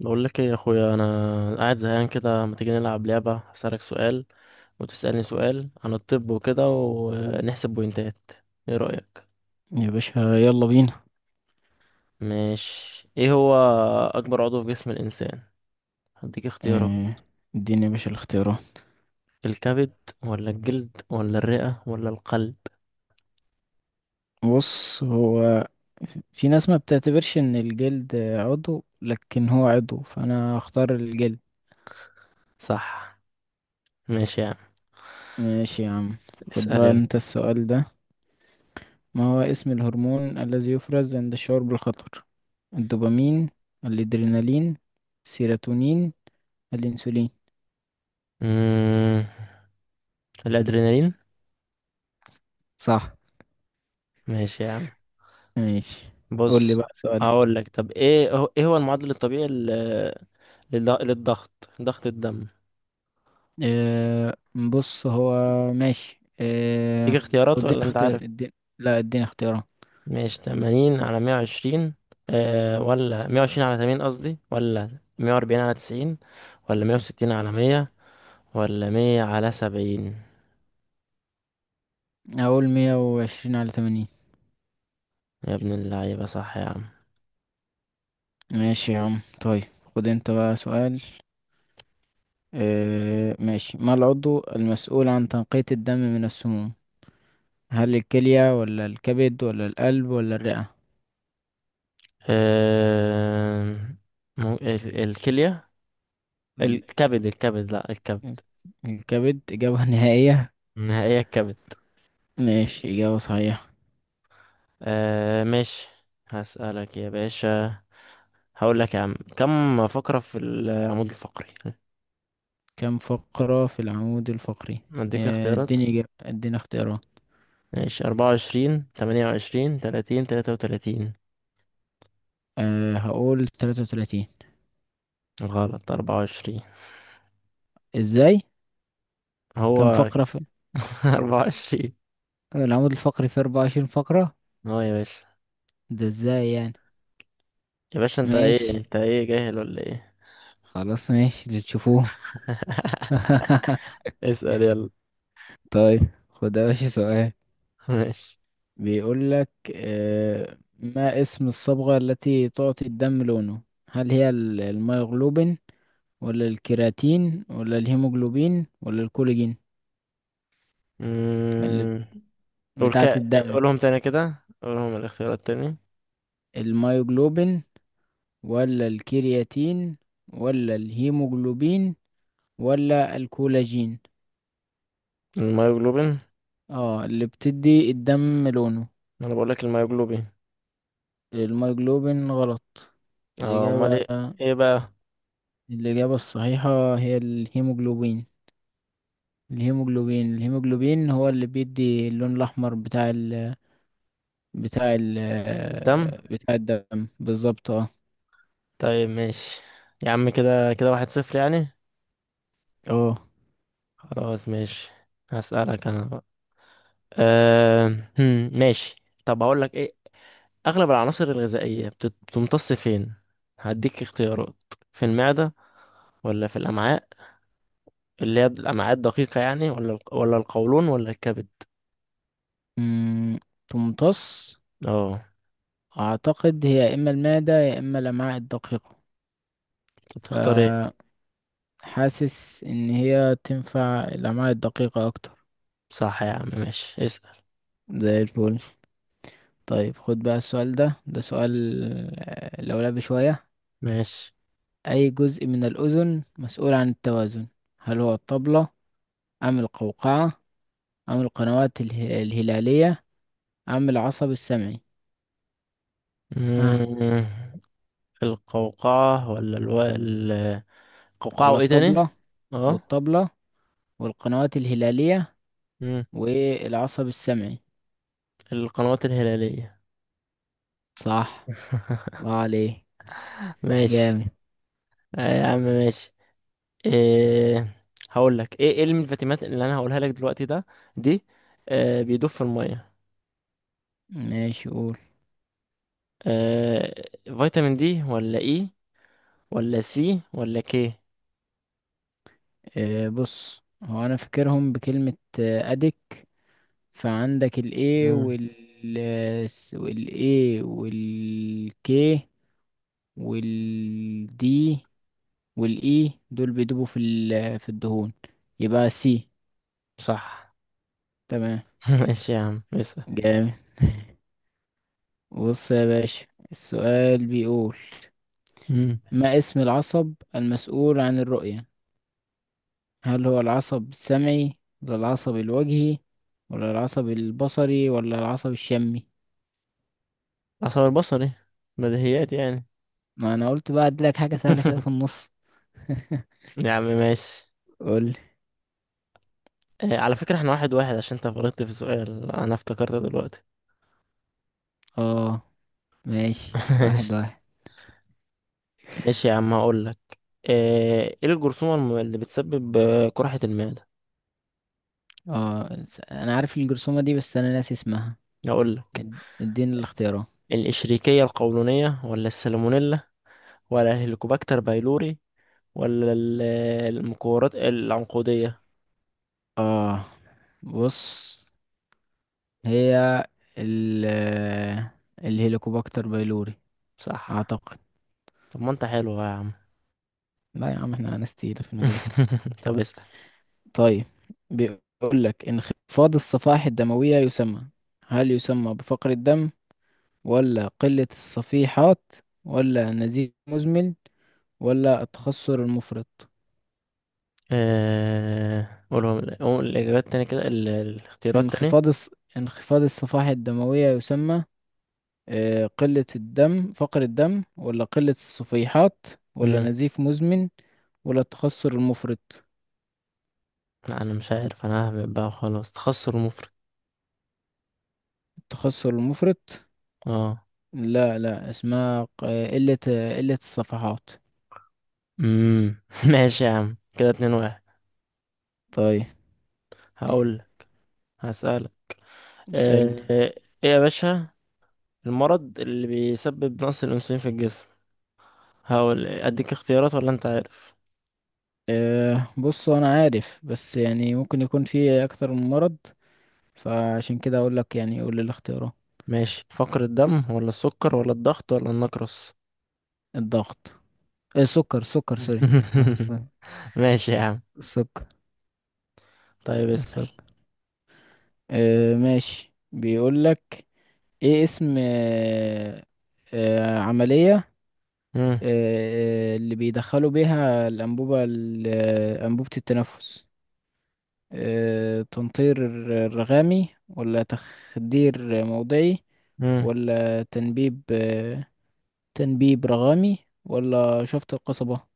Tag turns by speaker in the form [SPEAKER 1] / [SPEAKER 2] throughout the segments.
[SPEAKER 1] بقول لك ايه يا اخويا، انا قاعد زهقان كده، ما تيجي نلعب لعبه؟ هسألك سؤال وتسألني سؤال عن الطب وكده ونحسب بوينتات، ايه رأيك؟
[SPEAKER 2] يا باشا، يلا بينا.
[SPEAKER 1] ماشي. ايه هو اكبر عضو في جسم الانسان؟ هديك اختيارات.
[SPEAKER 2] آه. اديني يا باشا الاختيارات.
[SPEAKER 1] الكبد ولا الجلد ولا الرئه ولا القلب؟
[SPEAKER 2] بص، هو في ناس ما بتعتبرش ان الجلد عضو، لكن هو عضو، فانا هختار الجلد.
[SPEAKER 1] صح. ماشي يا عم.
[SPEAKER 2] ماشي يا عم. خد
[SPEAKER 1] اسأل
[SPEAKER 2] بقى
[SPEAKER 1] يلا.
[SPEAKER 2] انت السؤال ده. ما هو اسم الهرمون الذي يفرز عند الشعور بالخطر؟ الدوبامين، الادرينالين، السيروتونين، الانسولين؟
[SPEAKER 1] مم... الادرينالين.
[SPEAKER 2] صح.
[SPEAKER 1] ماشي يا عم.
[SPEAKER 2] ماشي. قول لي
[SPEAKER 1] بص.
[SPEAKER 2] بقى سؤال.
[SPEAKER 1] هقول لك. طب ايه هو المعدل الطبيعي للضغط، ضغط الدم.
[SPEAKER 2] آه، بص، هو ماشي،
[SPEAKER 1] تيجي
[SPEAKER 2] طب
[SPEAKER 1] اختيارات
[SPEAKER 2] اديني
[SPEAKER 1] ولا انت
[SPEAKER 2] اختيار.
[SPEAKER 1] عارف؟
[SPEAKER 2] اديني. لا، اديني اختيار.
[SPEAKER 1] ماشي، 80 على 120، آه، ولا 120 على 80 قصدي، ولا 140 على 90، ولا 160 على 100، ولا 100 على 70؟
[SPEAKER 2] اقول 120/80.
[SPEAKER 1] يا ابن اللعيبة، صح يا عم.
[SPEAKER 2] ماشي يا عم. طيب خد انت بقى سؤال. ماشي. ما العضو المسؤول عن تنقية الدم من السموم؟ هل الكلية ولا الكبد ولا القلب ولا الرئة؟
[SPEAKER 1] آه. الكلية.
[SPEAKER 2] ال-
[SPEAKER 1] الكبد، الكبد، لا، الكبد.
[SPEAKER 2] ال- الكبد، إجابة نهائية.
[SPEAKER 1] نهائية، الكبد.
[SPEAKER 2] ماشي، إجابة صحيحة.
[SPEAKER 1] آه، ماشي. هسألك يا باشا. هقول لك يا عم، كم فقرة في العمود الفقري؟
[SPEAKER 2] كم فقرة في العمود الفقري؟
[SPEAKER 1] اديك اختيارات.
[SPEAKER 2] اديني إجابة، اديني اختيارات.
[SPEAKER 1] ماشي، 24، 28، 30، 33.
[SPEAKER 2] أه، هقول 33.
[SPEAKER 1] غلط، 24.
[SPEAKER 2] ازاي؟ كام
[SPEAKER 1] هو
[SPEAKER 2] فقرة في
[SPEAKER 1] 24.
[SPEAKER 2] العمود الفقري؟ في 24 فقرة.
[SPEAKER 1] اه يا باشا،
[SPEAKER 2] ده ازاي يعني؟
[SPEAKER 1] يا باشا انت ايه،
[SPEAKER 2] ماشي.
[SPEAKER 1] انت ايه، جاهل ولا ايه؟
[SPEAKER 2] خلاص، ماشي، اللي تشوفوه.
[SPEAKER 1] اسأل يلا.
[SPEAKER 2] طيب. خد يا باشا سؤال،
[SPEAKER 1] ماشي.
[SPEAKER 2] بيقول لك: آه، ما اسم الصبغة التي تعطي الدم لونه؟ هل هي الميوغلوبين ولا الكيراتين ولا الهيموجلوبين ولا الكولاجين؟ اللي
[SPEAKER 1] مم. قول
[SPEAKER 2] بتاعة
[SPEAKER 1] كا
[SPEAKER 2] الدم.
[SPEAKER 1] قولهم تاني كده، قولهم الاختيارات تاني.
[SPEAKER 2] الميوجلوبين، ولا الكرياتين، ولا الهيموجلوبين، ولا الكولاجين.
[SPEAKER 1] الميوجلوبين.
[SPEAKER 2] اه، اللي بتدي الدم لونه.
[SPEAKER 1] انا بقول لك الميوجلوبين.
[SPEAKER 2] الميوجلوبين غلط.
[SPEAKER 1] اه، امال
[SPEAKER 2] الإجابة
[SPEAKER 1] ايه؟ ايه بقى؟
[SPEAKER 2] الإجابة الصحيحة هي الهيموجلوبين. الهيموجلوبين هو اللي بيدي اللون الأحمر بتاع ال
[SPEAKER 1] الدم.
[SPEAKER 2] بتاع الدم بالظبط. اه.
[SPEAKER 1] طيب ماشي يا عم. كده، 1-0 يعني.
[SPEAKER 2] اه.
[SPEAKER 1] خلاص ماشي. هسألك انا بقى. أه... ماشي. طب هقول لك ايه. اغلب العناصر الغذائيه بتمتص فين؟ هديك اختيارات. في المعده ولا في الامعاء، اللي هي الامعاء الدقيقه يعني، ولا القولون ولا الكبد؟
[SPEAKER 2] أمم، تمتص.
[SPEAKER 1] اه.
[SPEAKER 2] أعتقد هي يا إما المعدة يا إما الأمعاء الدقيقة.
[SPEAKER 1] طب تختار ايه؟
[SPEAKER 2] فحاسس إن هي تنفع الأمعاء الدقيقة أكتر.
[SPEAKER 1] صح يا عم، ماشي، اسال.
[SPEAKER 2] زي الفل. طيب، خد بقى السؤال ده سؤال لولبي شوية.
[SPEAKER 1] ماشي.
[SPEAKER 2] أي جزء من الأذن مسؤول عن التوازن؟ هل هو الطبلة أم القوقعة أم القنوات الهلالية أم العصب السمعي؟ ها.
[SPEAKER 1] مم... القوقعه القوقعه،
[SPEAKER 2] ولا
[SPEAKER 1] وايه تاني؟
[SPEAKER 2] الطبلة،
[SPEAKER 1] اه.
[SPEAKER 2] والطبلة، والقنوات الهلالية،
[SPEAKER 1] مم،
[SPEAKER 2] والعصب السمعي.
[SPEAKER 1] القنوات الهلاليه.
[SPEAKER 2] صح. الله عليه.
[SPEAKER 1] ماشي.
[SPEAKER 2] جامد.
[SPEAKER 1] آه يا عم ماشي. إيه. هقول لك ايه. ايه الفيتامينات اللي انا هقولها لك دلوقتي ده، دي، آه، بيدوب في الميه.
[SPEAKER 2] ماشي. قول.
[SPEAKER 1] آه، فيتامين دي ولا اي ولا سي ولا كي؟
[SPEAKER 2] بص، هو أنا فاكرهم بكلمة، أدك. فعندك ال A
[SPEAKER 1] مم.
[SPEAKER 2] وال A وال K وال D وال E، دول بيدوبوا في الدهون، يبقى C.
[SPEAKER 1] صح.
[SPEAKER 2] تمام.
[SPEAKER 1] ماشي يا عم اسال.
[SPEAKER 2] جامد. بص يا باشا، السؤال بيقول:
[SPEAKER 1] مم.
[SPEAKER 2] ما اسم العصب المسؤول عن الرؤية؟ هل هو العصب السمعي ولا العصب الوجهي ولا العصب البصري ولا العصب الشمي؟
[SPEAKER 1] عصب البصري. بديهيات يعني.
[SPEAKER 2] ما انا قلت بقى اديلك حاجة سهلة كده في النص.
[SPEAKER 1] يا عم ماشي.
[SPEAKER 2] قول.
[SPEAKER 1] آه، على فكرة احنا 1-1، عشان انت غلطت في سؤال انا افتكرت دلوقتي.
[SPEAKER 2] اه. ماشي، واحد
[SPEAKER 1] ماشي.
[SPEAKER 2] واحد.
[SPEAKER 1] ماشي يا عم، هقول لك. ايه الجرثومة اللي بتسبب، قرحة المعدة؟
[SPEAKER 2] اه، انا عارف الجرثومة دي، بس انا ناسي اسمها.
[SPEAKER 1] هقول لك.
[SPEAKER 2] اديني الاختيارات.
[SPEAKER 1] الإشريكية القولونية ولا السالمونيلا ولا الهيليكوباكتر بايلوري، ولا المكورات العنقودية؟
[SPEAKER 2] اه، بص، هي ال الهيليكوباكتر بايلوري،
[SPEAKER 1] صح.
[SPEAKER 2] اعتقد.
[SPEAKER 1] طب ما انت حلو بقى يا عم.
[SPEAKER 2] لا يا عم، احنا ناس تقيلة في المجال.
[SPEAKER 1] طب اسأل.
[SPEAKER 2] طيب، بيقول لك: انخفاض الصفائح الدموية يسمى. هل يسمى بفقر الدم ولا قلة الصفيحات ولا نزيف مزمن ولا التخثر المفرط؟
[SPEAKER 1] قولهم، قول الإجابات تاني كده، الاختيارات تاني.
[SPEAKER 2] انخفاض الص... انخفاض الصفائح الدموية يسمى آه، قلة الدم فقر الدم ولا قلة الصفيحات ولا
[SPEAKER 1] مم.
[SPEAKER 2] نزيف مزمن ولا التخثر المفرط.
[SPEAKER 1] لا أنا مش عارف، أنا ههبط بقى وخلاص، تخسر مفرط.
[SPEAKER 2] التخثر المفرط؟
[SPEAKER 1] اه.
[SPEAKER 2] لا لا، اسمها قلة الصفحات.
[SPEAKER 1] مم. ماشي يا عم، كده 2-1.
[SPEAKER 2] طيب.
[SPEAKER 1] هقول، هسألك.
[SPEAKER 2] اسألني.
[SPEAKER 1] ايه يا باشا المرض اللي بيسبب نقص الأنسولين في الجسم؟ هقول إيه، اديك اختيارات ولا انت عارف؟
[SPEAKER 2] بص، أنا عارف، بس يعني ممكن يكون في أكتر من مرض، فعشان كده أقول لك، يعني قول لي الاختيارات.
[SPEAKER 1] ماشي، فقر الدم ولا السكر ولا الضغط ولا النقرس؟
[SPEAKER 2] الضغط. السكر. سكر سوري.
[SPEAKER 1] ماشي يا عم.
[SPEAKER 2] السكر.
[SPEAKER 1] طيب اسأل.
[SPEAKER 2] السكر. آه، ماشي. بيقول لك: ايه اسم عملية
[SPEAKER 1] مم.
[SPEAKER 2] آه اللي بيدخلوا بيها الأنبوبة، أنبوبة التنفس. تنطير رغامي، ولا تخدير موضعي،
[SPEAKER 1] مم.
[SPEAKER 2] ولا تنبيب رغامي، ولا شفط القصبة.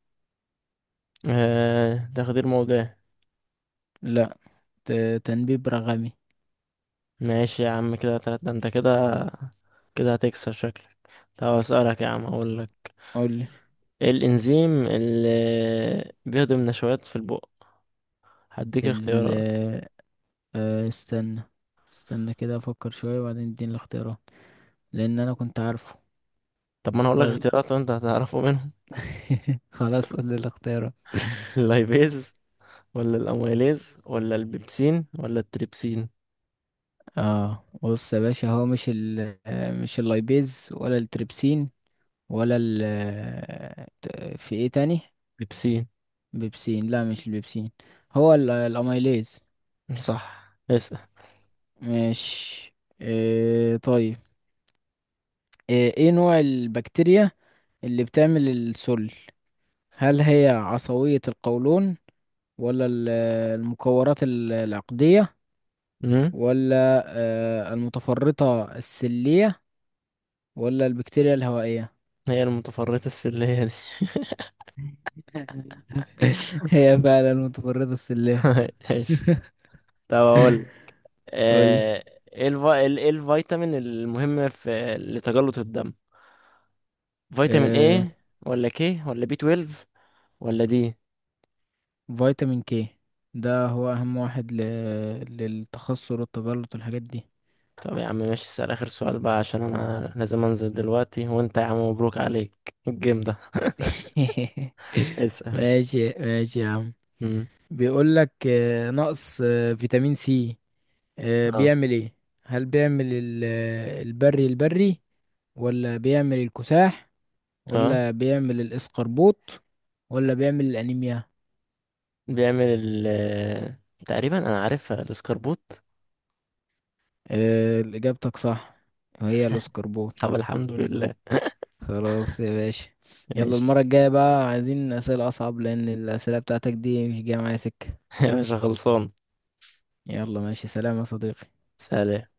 [SPEAKER 1] آه، تخدير موضعي.
[SPEAKER 2] لا، تنبيب رغامي.
[SPEAKER 1] ماشي يا عم، كده تلاتة انت كده هتكسب شكلك. طب اسألك يا عم، اقول لك.
[SPEAKER 2] قولي.
[SPEAKER 1] ايه الانزيم اللي بيهضم نشويات في البق؟ هديك
[SPEAKER 2] ال
[SPEAKER 1] اختيارات.
[SPEAKER 2] آه آه، استنى. استنى كده، افكر شوية، وبعدين اديني الاختيارات، لان انا كنت عارفه.
[SPEAKER 1] طب ما انا هقول لك
[SPEAKER 2] طيب.
[SPEAKER 1] اختيارات، وانت هتعرفه منهم.
[SPEAKER 2] خلاص. قول لي الاختيارات.
[SPEAKER 1] اللايبيز ولا الاميليز ولا البيبسين ولا التريبسين؟
[SPEAKER 2] اه، بص يا باشا، هو مش ال آه، مش اللايبيز ولا التريبسين، ولا في ايه تاني؟
[SPEAKER 1] بيبسين.
[SPEAKER 2] بيبسين. لا، مش البيبسين. هو الاميليز.
[SPEAKER 1] صح. اسأل.
[SPEAKER 2] مش. إيه طيب. إيه نوع البكتيريا اللي بتعمل السل؟ هل هي عصبية القولون، ولا المكورات العقدية،
[SPEAKER 1] مم؟
[SPEAKER 2] ولا المتفرطة السلية، ولا البكتيريا الهوائية؟
[SPEAKER 1] هي المتفرطة السلية دي.
[SPEAKER 2] هي فعلا المتفرطة السلية.
[SPEAKER 1] ايش. طب اقول.
[SPEAKER 2] ولا
[SPEAKER 1] آه، إيه الفيتامين المهم في لتجلط الدم؟ فيتامين
[SPEAKER 2] آه،
[SPEAKER 1] ايه، ولا كي ولا بي 12 ولا دي؟
[SPEAKER 2] فيتامين كي، ده هو أهم واحد للتخثر والتبلط والحاجات دي.
[SPEAKER 1] طب يا عم ماشي، اسأل اخر سؤال بقى عشان انا لازم انزل دلوقتي، وانت يا عم مبروك عليك الجيم ده. اسأل.
[SPEAKER 2] ماشي، ماشي يا عم.
[SPEAKER 1] مم.
[SPEAKER 2] بيقول لك: نقص فيتامين سي
[SPEAKER 1] اه.
[SPEAKER 2] بيعمل ايه؟ هل بيعمل البري البري، ولا بيعمل الكساح،
[SPEAKER 1] اه،
[SPEAKER 2] ولا بيعمل الاسقربوط، ولا بيعمل الانيميا؟
[SPEAKER 1] بيعمل ال تقريبا انا عارفها، الاسكربوت.
[SPEAKER 2] اجابتك صح. هي الاسقربوط.
[SPEAKER 1] طب الحمد لله.
[SPEAKER 2] خلاص يا باشا، يلا،
[SPEAKER 1] ماشي.
[SPEAKER 2] المرة الجاية بقى عايزين أسئلة أصعب، لأن الأسئلة بتاعتك دي مش جاية معايا سكة.
[SPEAKER 1] يا باشا خلصان.
[SPEAKER 2] يلا، ماشي. سلام يا صديقي.
[SPEAKER 1] سلام.